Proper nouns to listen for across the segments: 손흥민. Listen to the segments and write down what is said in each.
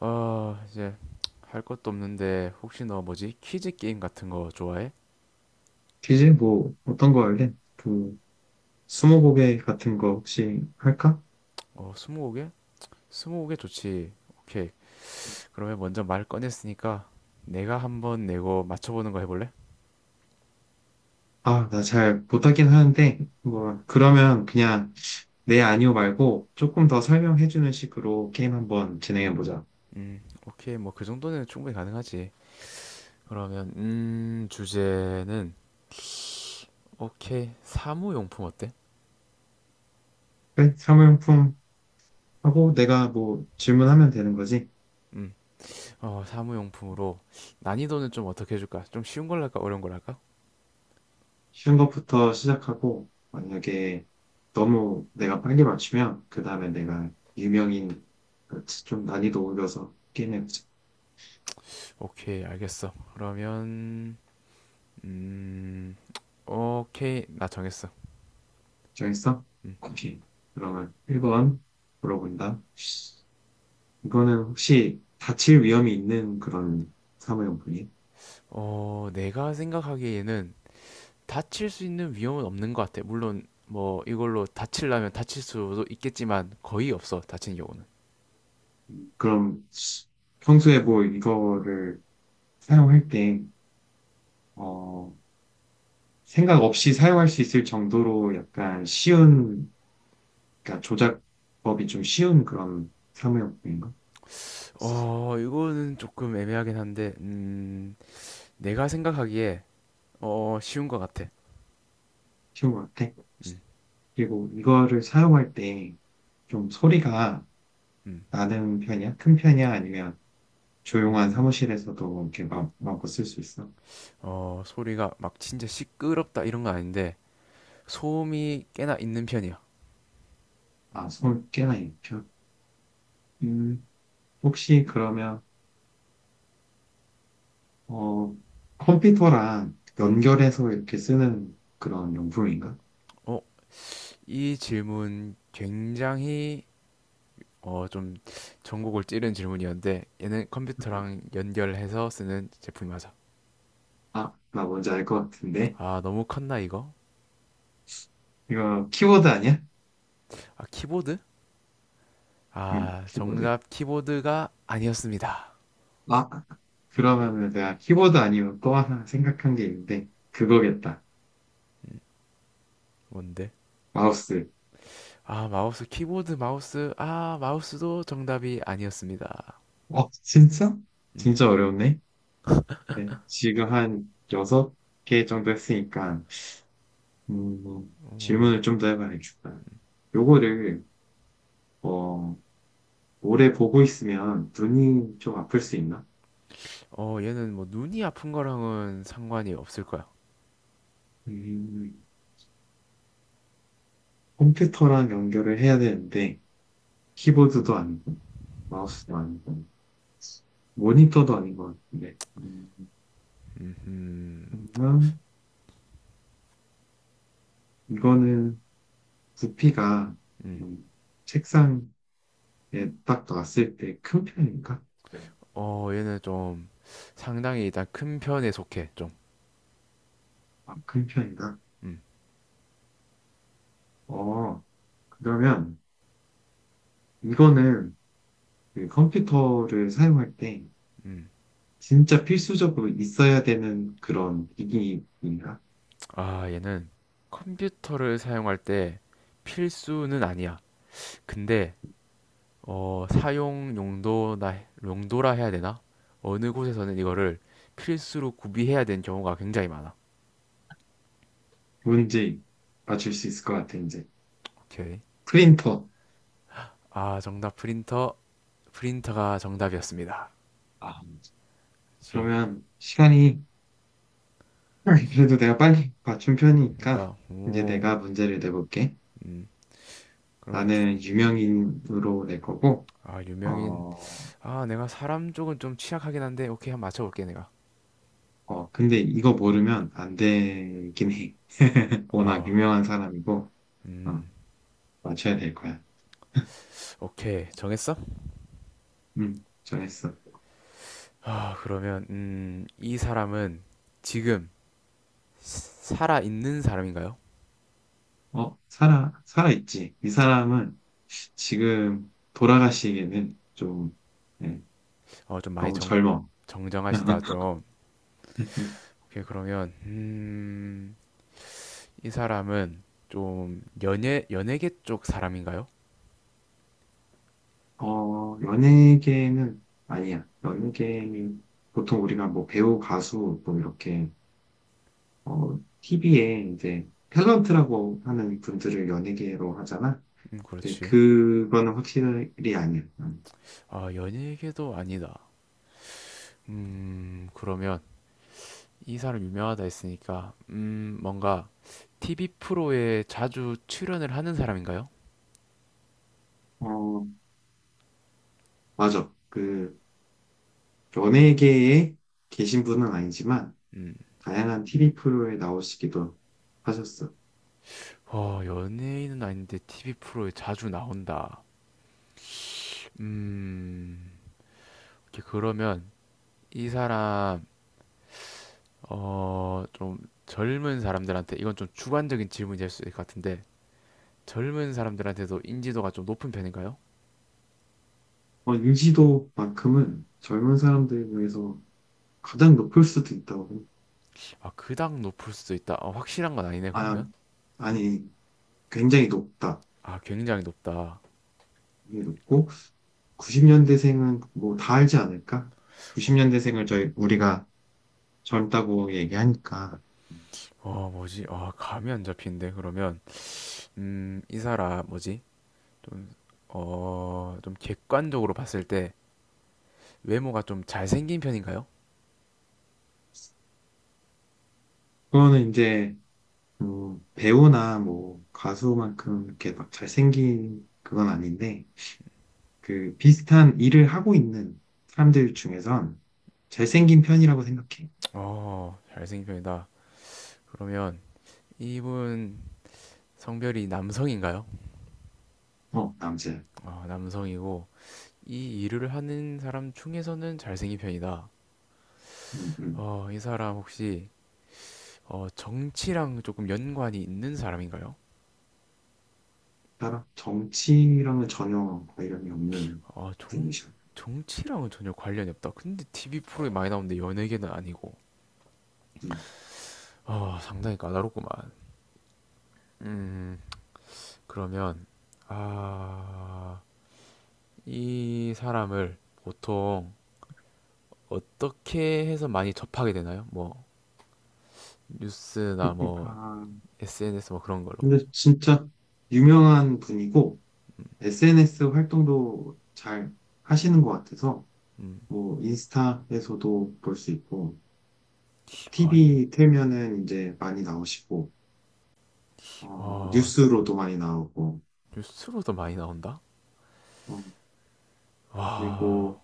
아, 이제 할 것도 없는데 혹시 너 뭐지? 퀴즈 게임 같은 거 좋아해? 퀴즈? 어떤 거 할래? 스무고개 같은 거 혹시 할까? 어, 스무고개? 스무고개 좋지. 오케이. 그러면 먼저 말 꺼냈으니까 내가 한번 내고 맞춰보는 거 해볼래? 아, 나 잘 못하긴 하는데, 뭐, 그러면 그냥 네, 아니요 말고 조금 더 설명해주는 식으로 게임 한번 진행해보자. 오케이. 뭐 그 정도는 충분히 가능하지. 그러면 주제는 오케이. 사무용품 어때? 그래? 사무용품 하고 내가 뭐 질문하면 되는 거지. 음, 어, 사무용품으로 난이도는 좀 어떻게 해줄까? 좀 쉬운 걸로 할까? 어려운 걸로 할까? 쉬운 것부터 시작하고, 만약에 너무 내가 빨리 맞추면, 그 다음에 내가 유명인, 좀 난이도 올려서 게임해보자. 오케이, 알겠어. 그러면 음, 오케이. 나 정했어. 정했어? 오케이. 그러면 1번 물어본다. 이거는 혹시 다칠 위험이 있는 그런 사무용품이? 어, 내가 생각하기에는 다칠 수 있는 위험은 없는 것 같아. 물론 뭐 이걸로 다치려면 다칠 수도 있겠지만 거의 없어, 다친 경우는. 그럼 평소에 뭐 이거를 사용할 때, 어, 생각 없이 사용할 수 있을 정도로 약간 쉬운, 그러니까 조작법이 좀 쉬운 그런 사무용품인가? 어, 이거는 조금 애매하긴 한데, 내가 생각하기에 어, 쉬운 것 같아. 쉬운 것 같아. 그리고 이거를 사용할 때 좀 소리가 음, 나는 편이야? 큰 편이야? 아니면 조용한 음, 사무실에서도 이렇게 마음껏 쓸 수 있어. 어, 소리가 막 진짜 시끄럽다 이런 건 아닌데 소음이 꽤나 있는 편이야. 아, 손 꽤나 익혀. 음, 혹시 그러면, 어, 컴퓨터랑 음, 연결해서 이렇게 쓰는 그런 용품인가? 어, 이 질문 굉장히 어, 좀 전곡을 찌른 질문이었는데 얘는 음. 컴퓨터랑 연결해서 쓰는 제품이 맞아. 아, 나 뭔지 알 것 같은데. 아, 너무 컸나 이거? 이거 키보드 아니야? 아, 키보드? 응, 아, 키보드. 정답 키보드가 아니었습니다. 아, 그러면은 내가 키보드 아니면 또 하나 생각한 게 있는데, 그거겠다. 뭔데? 마우스. 아, 마우스, 키보드, 마우스. 아, 마우스도 정답이 아니었습니다. 어, 진짜? 음, 진짜 어려웠네. 네, 지금 한 여섯 개 정도 했으니까, 음, 뭐, 어, 질문을 좀 더 해봐야겠다. 요거를, 어, 오래 보고 있으면 눈이 좀 아플 수 있나? 어, 얘는 뭐 눈이 아픈 거랑은 상관이 없을 거야. 음, 컴퓨터랑 연결을 해야 되는데, 키보드도 아니고, 마우스도 아니고, 모니터도 아닌 것 같은데. 음, 음, 그러면 이거는 부피가 음. 음, 책상에 딱 놨을 때 큰 편인가? 네. 어, 얘는 좀 상당히 일단 큰 편에 속해, 좀. 아, 큰 편인가? 음, 어, 그러면 이거는 그 컴퓨터를 사용할 때 음. 진짜 필수적으로 있어야 되는 그런 기기인가? 아, 얘는 컴퓨터를 사용할 때 필수는 아니야. 근데 어, 사용 용도나 용도라 해야 되나? 어느 곳에서는 이거를 필수로 구비해야 되는 경우가 굉장히 많아. 뭔지 맞출 수 있을 것 같아, 이제. 오케이. 프린터. 아, 정답 프린터. 프린터가 정답이었습니다. 아, 그렇지. 그러면 시간이, 그래도 내가 빨리 맞춘 편이니까, 그러니까 이제 오, 내가 문제를 내볼게. 음. 그러면 주- 나는 유명인으로 낼 거고, 아, 유명인. 어, 아, 내가 사람 쪽은 좀 취약하긴 한데 오케이 한번 맞춰볼게 내가. 근데 이거 모르면 안 되긴 해. 워낙 아, 유명한 사람이고, 어, 음. 맞춰야 될 거야. 오케이. 정했어? 정했어. 아, 그러면 이 사람은 지금 살아 있는 사람인가요? 어, 살아있지. 이 사람은 지금 돌아가시기에는 좀, 네, 어, 좀 많이 너무 정, 젊어. 정정하시다 좀. 오케이, 그러면 이 사람은 좀 연예계 쪽 사람인가요? 어, 연예계는 아니야. 연예계는 보통 우리가 뭐 배우, 가수, 뭐 이렇게, TV에 이제 탤런트라고 하는 분들을 연예계로 하잖아. 근데 그렇지. 그거는 확실히 아니야. 음. 아, 연예계도 아니다. 그러면 이 사람 유명하다 했으니까 뭔가 TV 프로에 자주 출연을 하는 사람인가요? 어, 맞아. 연예계에 계신 분은 아니지만, 음. 다양한 TV 프로에 나오시기도 하셨어요. 어, 연예인은 아닌데 TV 프로에 자주 나온다. 음. 이렇게 그러면 이 사람 어 좀 젊은 사람들한테 이건 좀 주관적인 질문이 될 수 있을 것 같은데 젊은 사람들한테도 인지도가 좀 높은 편인가요? 어, 인지도만큼은 젊은 사람들 중에서 가장 높을 수도 있다고 생각- 아 그닥 높을 수도 있다. 어, 확실한 건 아니네 아, 그러면? 응? 아니, 굉장히 높다. 아 굉장히 높다. 굉장히 높고 90년대생은 뭐 다 알지 않을까? 어, 90년대생을 저희 우리가 젊다고 얘기하니까 어, 뭐지? 아 감이 안 잡히는데 그러면 이 사람 뭐지? 좀 어 좀 객관적으로 봤을 때 외모가 좀 잘생긴 편인가요? 그거는 이제 배우나 뭐 가수만큼 이렇게 막 잘생긴 그건 아닌데 그 비슷한 일을 하고 있는 사람들 중에선 잘생긴 편이라고 생각해. 어 잘생긴 편이다. 그러면 이분 성별이 남성인가요? 어, 남자야. 어, 남성이고 이 일을 하는 사람 중에서는 잘생긴 편이다. 음, 음. 어, 이 사람 혹시 어, 정치랑 조금 연관이 있는 사람인가요? 따라 정치랑은 전혀 관련이 없는 어, 정, 분이셔. 정치랑은 전혀 관련이 없다. 근데 TV 프로에 많이 나오는데 연예계는 아니고. 음. 어, 상당히 까다롭구만. 음, 그러면 아, 이 사람을 보통 어떻게 해서 많이 접하게 되나요? 뭐 뉴스나 뭐 파 SNS 뭐 그런 걸로. 근데 진짜 유명한 분이고 SNS 활동도 잘 하시는 것 같아서 음. 뭐 인스타에서도 볼 수 있고 어, TV 틀면은 이제 많이 나오시고 어, 아, 뉴스로도 많이 나오고 뉴스로도 많이 나온다? 어, 와, 그리고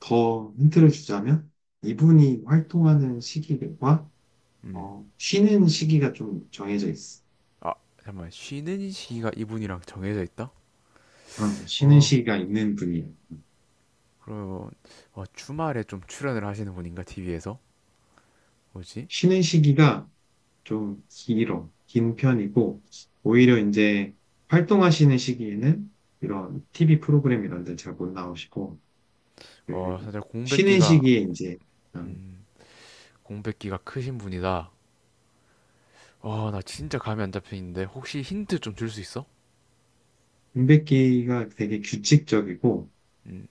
더 힌트를 주자면 이분이 활동하는 시기와 음. 쉬는 시기가 좀 정해져 있어. 아, 잠깐만. 쉬는 시기가 이분이랑 정해져 있다? 어, 쉬는 어, 시기가 있는 분이야. 그러면, 어, 주말에 좀 출연을 하시는 분인가, TV에서? 뭐지? 쉬는 시기가 좀 긴 편이고, 오히려 이제 활동하시는 시기에는 이런 TV 프로그램 이런 데 잘 못 나오시고, 그, 어, 사실 쉬는 공백기가, 시기에 이제, 어, 음, 공백기가 크신 분이다. 와, 나 진짜 감이 안 잡히는데, 혹시 힌트 좀 줄 수 있어? 임백기가 되게 규칙적이고, 음,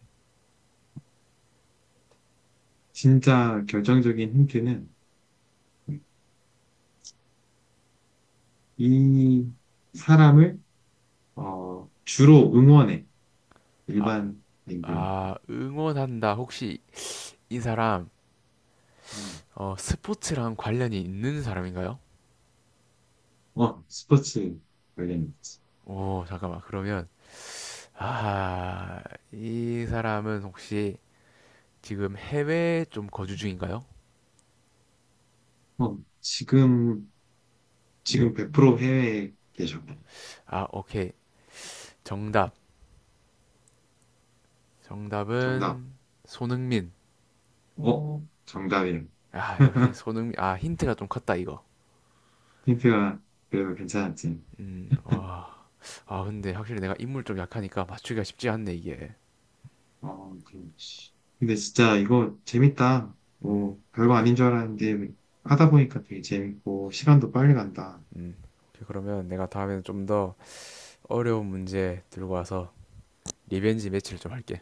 진짜 결정적인 힌트는 이 사람을, 주로 응원해. 아, 일반인들은. 아, 응원한다. 혹시 이 사람, 어, 스포츠랑 관련이 있는 사람인가요? 어, 스포츠 관련. 오, 잠깐만. 그러면, 아, 이 사람은 혹시 지금 해외에 좀 거주 중인가요? 어, 지금 100% 해외에 계셔. 아, 오케이. 정답. 정답. 정답은 손흥민. 어, 정답이에요. 아, 역시 손흥민. 아, 힌트가 좀 컸다, 이거. 힌트가 그래도 괜찮았지. 와. 아, 근데 확실히 내가 인물 좀 약하니까 맞추기가 쉽지 않네, 이게. 어, 그럼. 근데 진짜 이거 재밌다. 음, 뭐, 별거 아닌 줄 알았는데, 하다 보니까 되게 재밌고, 시간도 빨리 간다. 음. 오케이, 그러면 내가 다음에는 좀 더 어려운 문제 들고 와서 리벤지 매치를 좀 할게.